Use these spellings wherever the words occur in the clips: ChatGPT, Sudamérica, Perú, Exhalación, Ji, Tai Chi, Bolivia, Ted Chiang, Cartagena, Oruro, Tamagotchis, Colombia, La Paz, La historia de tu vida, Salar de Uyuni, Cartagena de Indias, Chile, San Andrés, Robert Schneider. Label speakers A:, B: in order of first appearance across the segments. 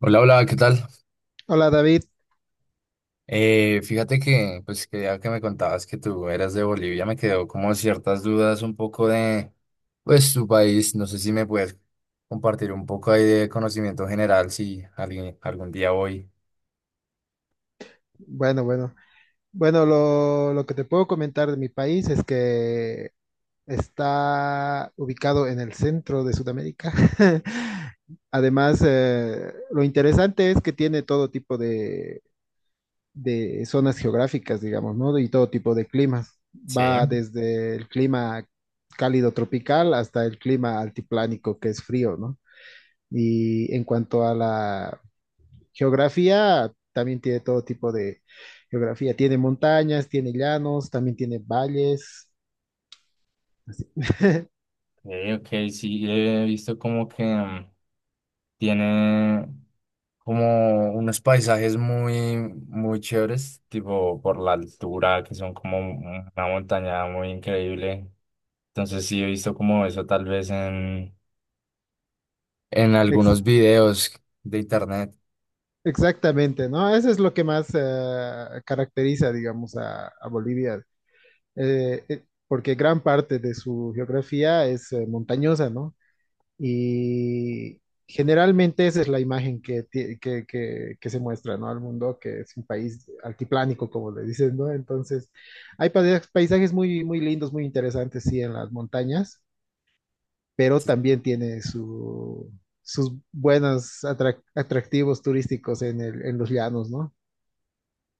A: Hola, hola, ¿qué tal?
B: Hola David,
A: Fíjate que, pues, que ya que me contabas que tú eras de Bolivia, me quedó como ciertas dudas un poco de, pues, tu país. No sé si me puedes compartir un poco ahí de conocimiento general, si alguien, algún día voy.
B: bueno, bueno, bueno, lo que te puedo comentar de mi país es que está ubicado en el centro de Sudamérica. Además, lo interesante es que tiene todo tipo de zonas geográficas, digamos, ¿no? Y todo tipo de climas.
A: Sí,
B: Va desde el clima cálido tropical hasta el clima altiplánico, que es frío, ¿no? Y en cuanto a la geografía también tiene todo tipo de geografía. Tiene montañas, tiene llanos, también tiene valles. Así.
A: ok, ok, sí, he visto como que tiene como unos paisajes muy, muy chéveres, tipo por la altura, que son como una montaña muy increíble. Entonces sí he visto como eso tal vez en
B: Ex-
A: algunos videos de internet.
B: exactamente, ¿no? Eso es lo que más caracteriza, digamos, a Bolivia, porque gran parte de su geografía es montañosa, ¿no? Y generalmente esa es la imagen que, ti- que se muestra, ¿no?, al mundo, que es un país altiplánico, como le dicen, ¿no? Entonces, hay paisajes muy, muy lindos, muy interesantes, sí, en las montañas, pero también tiene sus buenos atractivos turísticos en en los llanos, ¿no?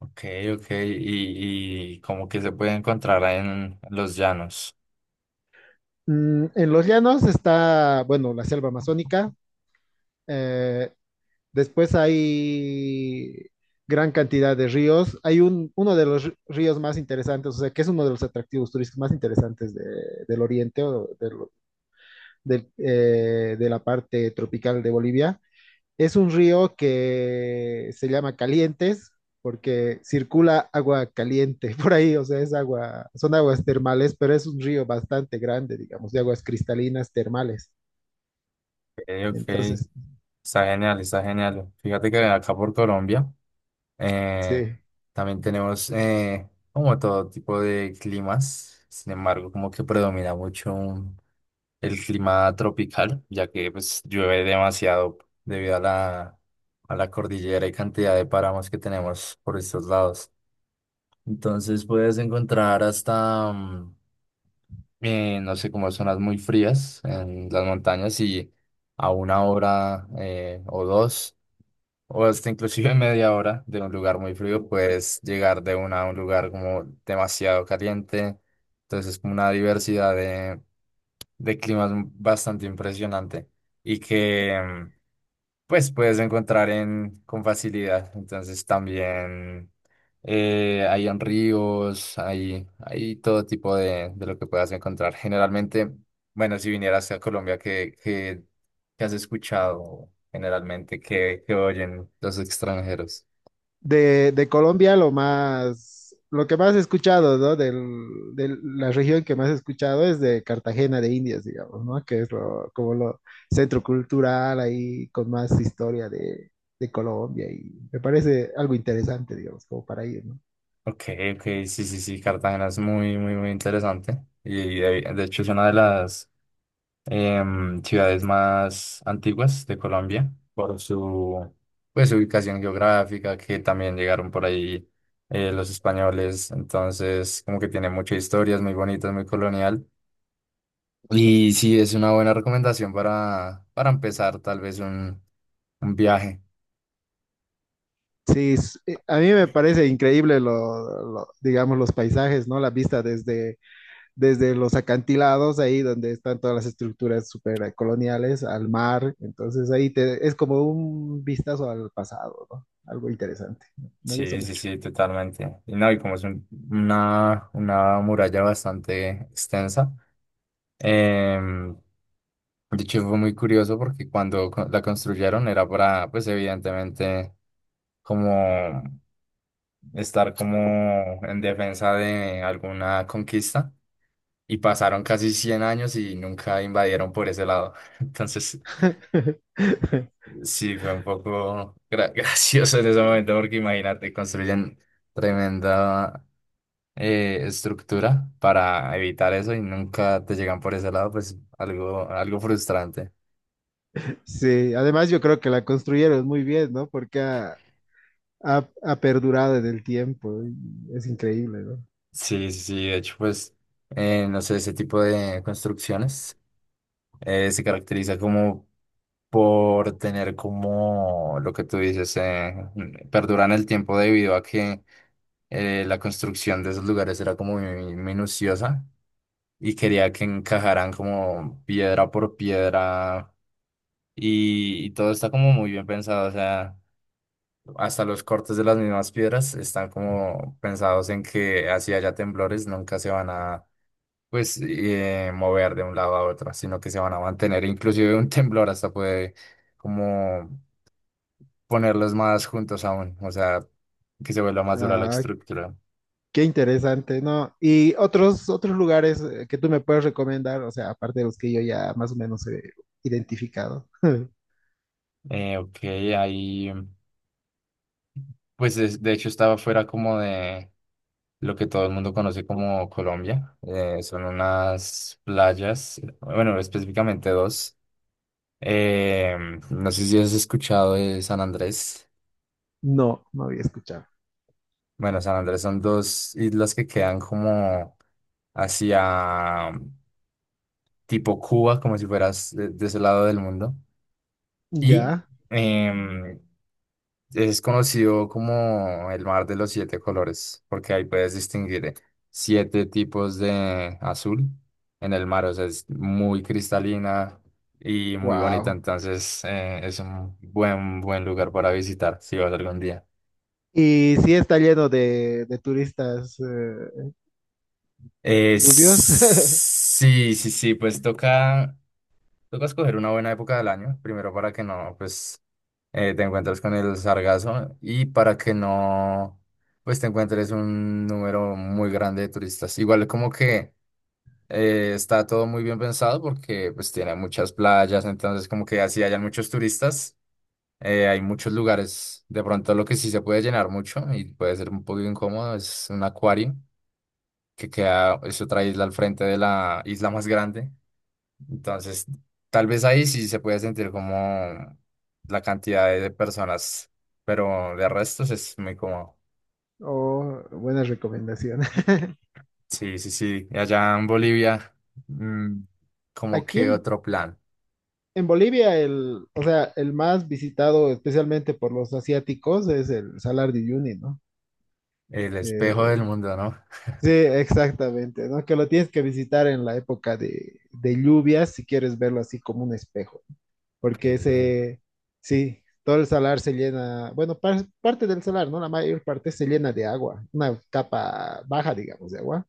A: Ok, ok, y como que se puede encontrar en los llanos.
B: Mm, en los llanos está, bueno, la selva amazónica. eh, Después hay gran cantidad de ríos. Hay uno de los ríos más interesantes, o sea, que es uno de los atractivos turísticos más interesantes del oriente o de la parte tropical de Bolivia. Es un río que se llama Calientes porque circula agua caliente por ahí, o sea, es agua, son aguas termales, pero es un río bastante grande, digamos, de aguas cristalinas termales.
A: Ok, ok,
B: Entonces,
A: está genial, está genial. Fíjate que acá por Colombia. Eh,
B: sí.
A: También tenemos como todo tipo de climas, sin embargo, como que predomina mucho el clima tropical, ya que pues llueve demasiado debido a la cordillera y cantidad de páramos que tenemos por estos lados. Entonces puedes encontrar hasta, no sé, como zonas muy frías en las montañas y a una hora o dos o hasta inclusive media hora de un lugar muy frío, puedes llegar de una a un lugar como demasiado caliente. Entonces es como una diversidad de climas bastante impresionante y que pues puedes encontrar en, con facilidad. Entonces también hay en ríos, hay todo tipo de lo que puedas encontrar. Generalmente, bueno, si vinieras a Colombia, ¿qué, qué, qué has escuchado generalmente? ¿Qué, qué oyen los extranjeros?
B: De Colombia lo más, lo que más he escuchado, ¿no? De la región que más he escuchado es de Cartagena de Indias, digamos, ¿no? Que es lo, como lo centro cultural ahí con más historia de Colombia, y me parece algo interesante, digamos, como para ir, ¿no?
A: Ok, ok, sí, sí, sí, Cartagena es muy, muy, muy interesante. Y de hecho es una de las ciudades más antiguas de Colombia por su pues, ubicación geográfica, que también llegaron por ahí los españoles, entonces como que tiene mucha historia, es muy bonita, es muy colonial. Y sí, es una buena recomendación para empezar tal vez un viaje.
B: Sí, a mí me parece increíble digamos, los paisajes, ¿no? La vista desde los acantilados, ahí donde están todas las estructuras super coloniales, al mar. Entonces ahí te, es como un vistazo al pasado, ¿no? Algo interesante. Me gusta
A: Sí, sí,
B: mucho.
A: sí, totalmente. Y no, y como es una muralla bastante extensa. Em, de hecho, fue muy curioso porque cuando la construyeron era para, pues evidentemente, como estar como en defensa de alguna conquista. Y pasaron casi 100 años y nunca invadieron por ese lado. Entonces, sí, fue un poco gracioso en ese momento porque imagínate, construyen tremenda estructura para evitar eso y nunca te llegan por ese lado, pues algo, algo frustrante.
B: Sí, además yo creo que la construyeron muy bien, ¿no? Porque ha perdurado en el tiempo. Y Es increíble, ¿no?
A: Sí, sí, sí, de hecho, pues, no sé, ese tipo de construcciones se caracteriza como por tener como lo que tú dices, perduran el tiempo debido a que la construcción de esos lugares era como muy minuciosa y quería que encajaran como piedra por piedra y todo está como muy bien pensado, o sea. Hasta los cortes de las mismas piedras están como pensados en que así haya temblores, nunca se van a pues mover de un lado a otro, sino que se van a mantener. Inclusive un temblor hasta puede como ponerlos más juntos aún, o sea, que se vuelva más dura la
B: Ah,
A: estructura.
B: qué interesante, ¿no? Y otros, otros lugares que tú me puedes recomendar, o sea, aparte de los que yo ya más o menos he identificado.
A: Ok, ahí pues de hecho estaba fuera como de lo que todo el mundo conoce como Colombia. Son unas playas, bueno, específicamente dos. Eh, no sé si has escuchado de San Andrés.
B: No, no había escuchado.
A: Bueno, San Andrés son dos islas que quedan como hacia tipo Cuba, como si fueras de ese lado del mundo. Y
B: Ya,
A: em, es conocido como el mar de los 7 colores, porque ahí puedes distinguir 7 tipos de azul en el mar. O sea, es muy cristalina y muy bonita.
B: wow.
A: Entonces, es un buen, buen lugar para visitar si vas algún día.
B: ¿Y si está lleno de turistas rubios?
A: Sí, sí, sí, pues toca, toca escoger una buena época del año, primero para que no, pues, te encuentres con el sargazo y para que no, pues, te encuentres un número muy grande de turistas. Igual como que está todo muy bien pensado porque, pues, tiene muchas playas, entonces como que así hayan muchos turistas, hay muchos lugares. De pronto lo que sí se puede llenar mucho y puede ser un poco incómodo es un acuario que queda, es otra isla al frente de la isla más grande. Entonces, tal vez ahí sí se puede sentir como la cantidad de personas, pero de restos es muy cómodo.
B: O buena recomendación.
A: Sí, sí, sí. Y allá en Bolivia, mm, como
B: Aquí
A: que otro plan,
B: en Bolivia, el, o sea, el más visitado especialmente por los asiáticos es el Salar de Uyuni, ¿no?
A: el espejo del
B: Que,
A: mundo, ¿no?
B: sí, exactamente, ¿no? Que lo tienes que visitar en la época de lluvias si quieres verlo así como un espejo.
A: Ok,
B: Porque se, sí, todo el salar se llena, bueno, parte del salar, ¿no? La mayor parte se llena de agua, una capa baja, digamos, de agua.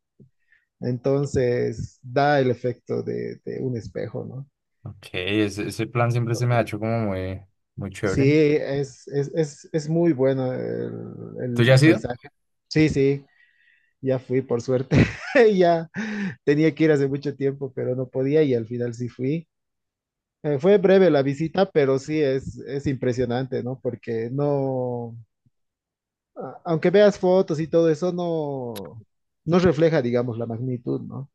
B: Entonces da el efecto de un espejo, ¿no?
A: ok, ese plan siempre se me ha hecho como muy, muy
B: Sí,
A: chévere.
B: es muy bueno
A: ¿Tú ya
B: el
A: has ido?
B: paisaje. Sí, sí, ya fui, por suerte. Ya tenía que ir hace mucho tiempo, pero no podía y al final sí fui. Fue breve la visita, pero sí es impresionante, ¿no? Porque no, aunque veas fotos y todo eso, no, no refleja, digamos, la magnitud, ¿no?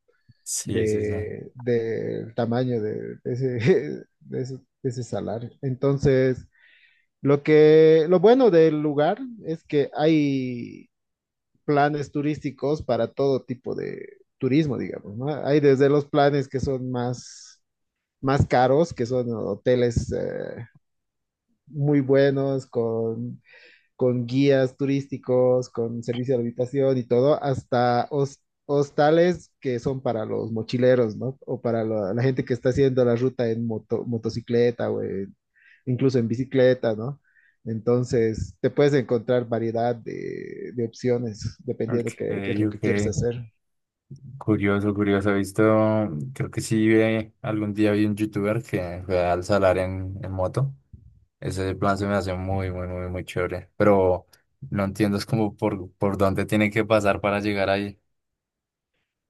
A: Sí, sí, sí.
B: Del tamaño de ese, de ese, de ese salario. Entonces, lo que, lo bueno del lugar es que hay planes turísticos para todo tipo de turismo, digamos, ¿no? Hay desde los planes que son más caros, que son hoteles, muy buenos, con guías turísticos, con servicio de habitación y todo, hasta hostales que son para los mochileros, ¿no? O para la gente que está haciendo la ruta en motocicleta o incluso en bicicleta, ¿no? Entonces, te puedes encontrar variedad de opciones
A: Ok,
B: dependiendo qué, qué es lo que
A: ok.
B: quieres hacer.
A: Curioso, curioso. He visto, creo que sí, algún día vi un youtuber que fue al salar en moto. Ese plan se me hace muy, muy, muy, muy chévere. Pero no entiendo, es como por dónde tiene que pasar para llegar ahí.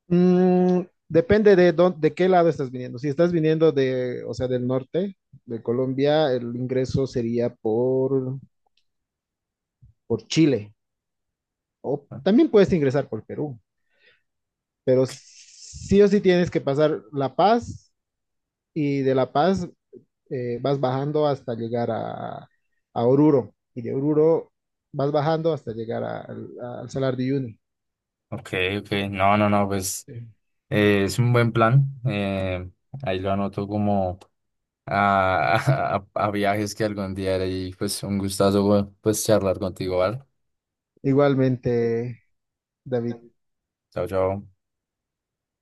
B: Mm, depende de dónde, de qué lado estás viniendo. Si estás viniendo de, o sea, del norte de Colombia, el ingreso sería por Chile. O también puedes ingresar por Perú, pero sí o sí tienes que pasar La Paz y de La Paz vas bajando hasta llegar a Oruro y de Oruro vas bajando hasta llegar al Salar de Uyuni.
A: Ok, ok. No, no, no, pues
B: Sí.
A: es un buen plan. Ahí lo anoto como a, a viajes que algún día haré y pues un gustazo pues charlar contigo, ¿vale?
B: Igualmente, David,
A: Chao, chao.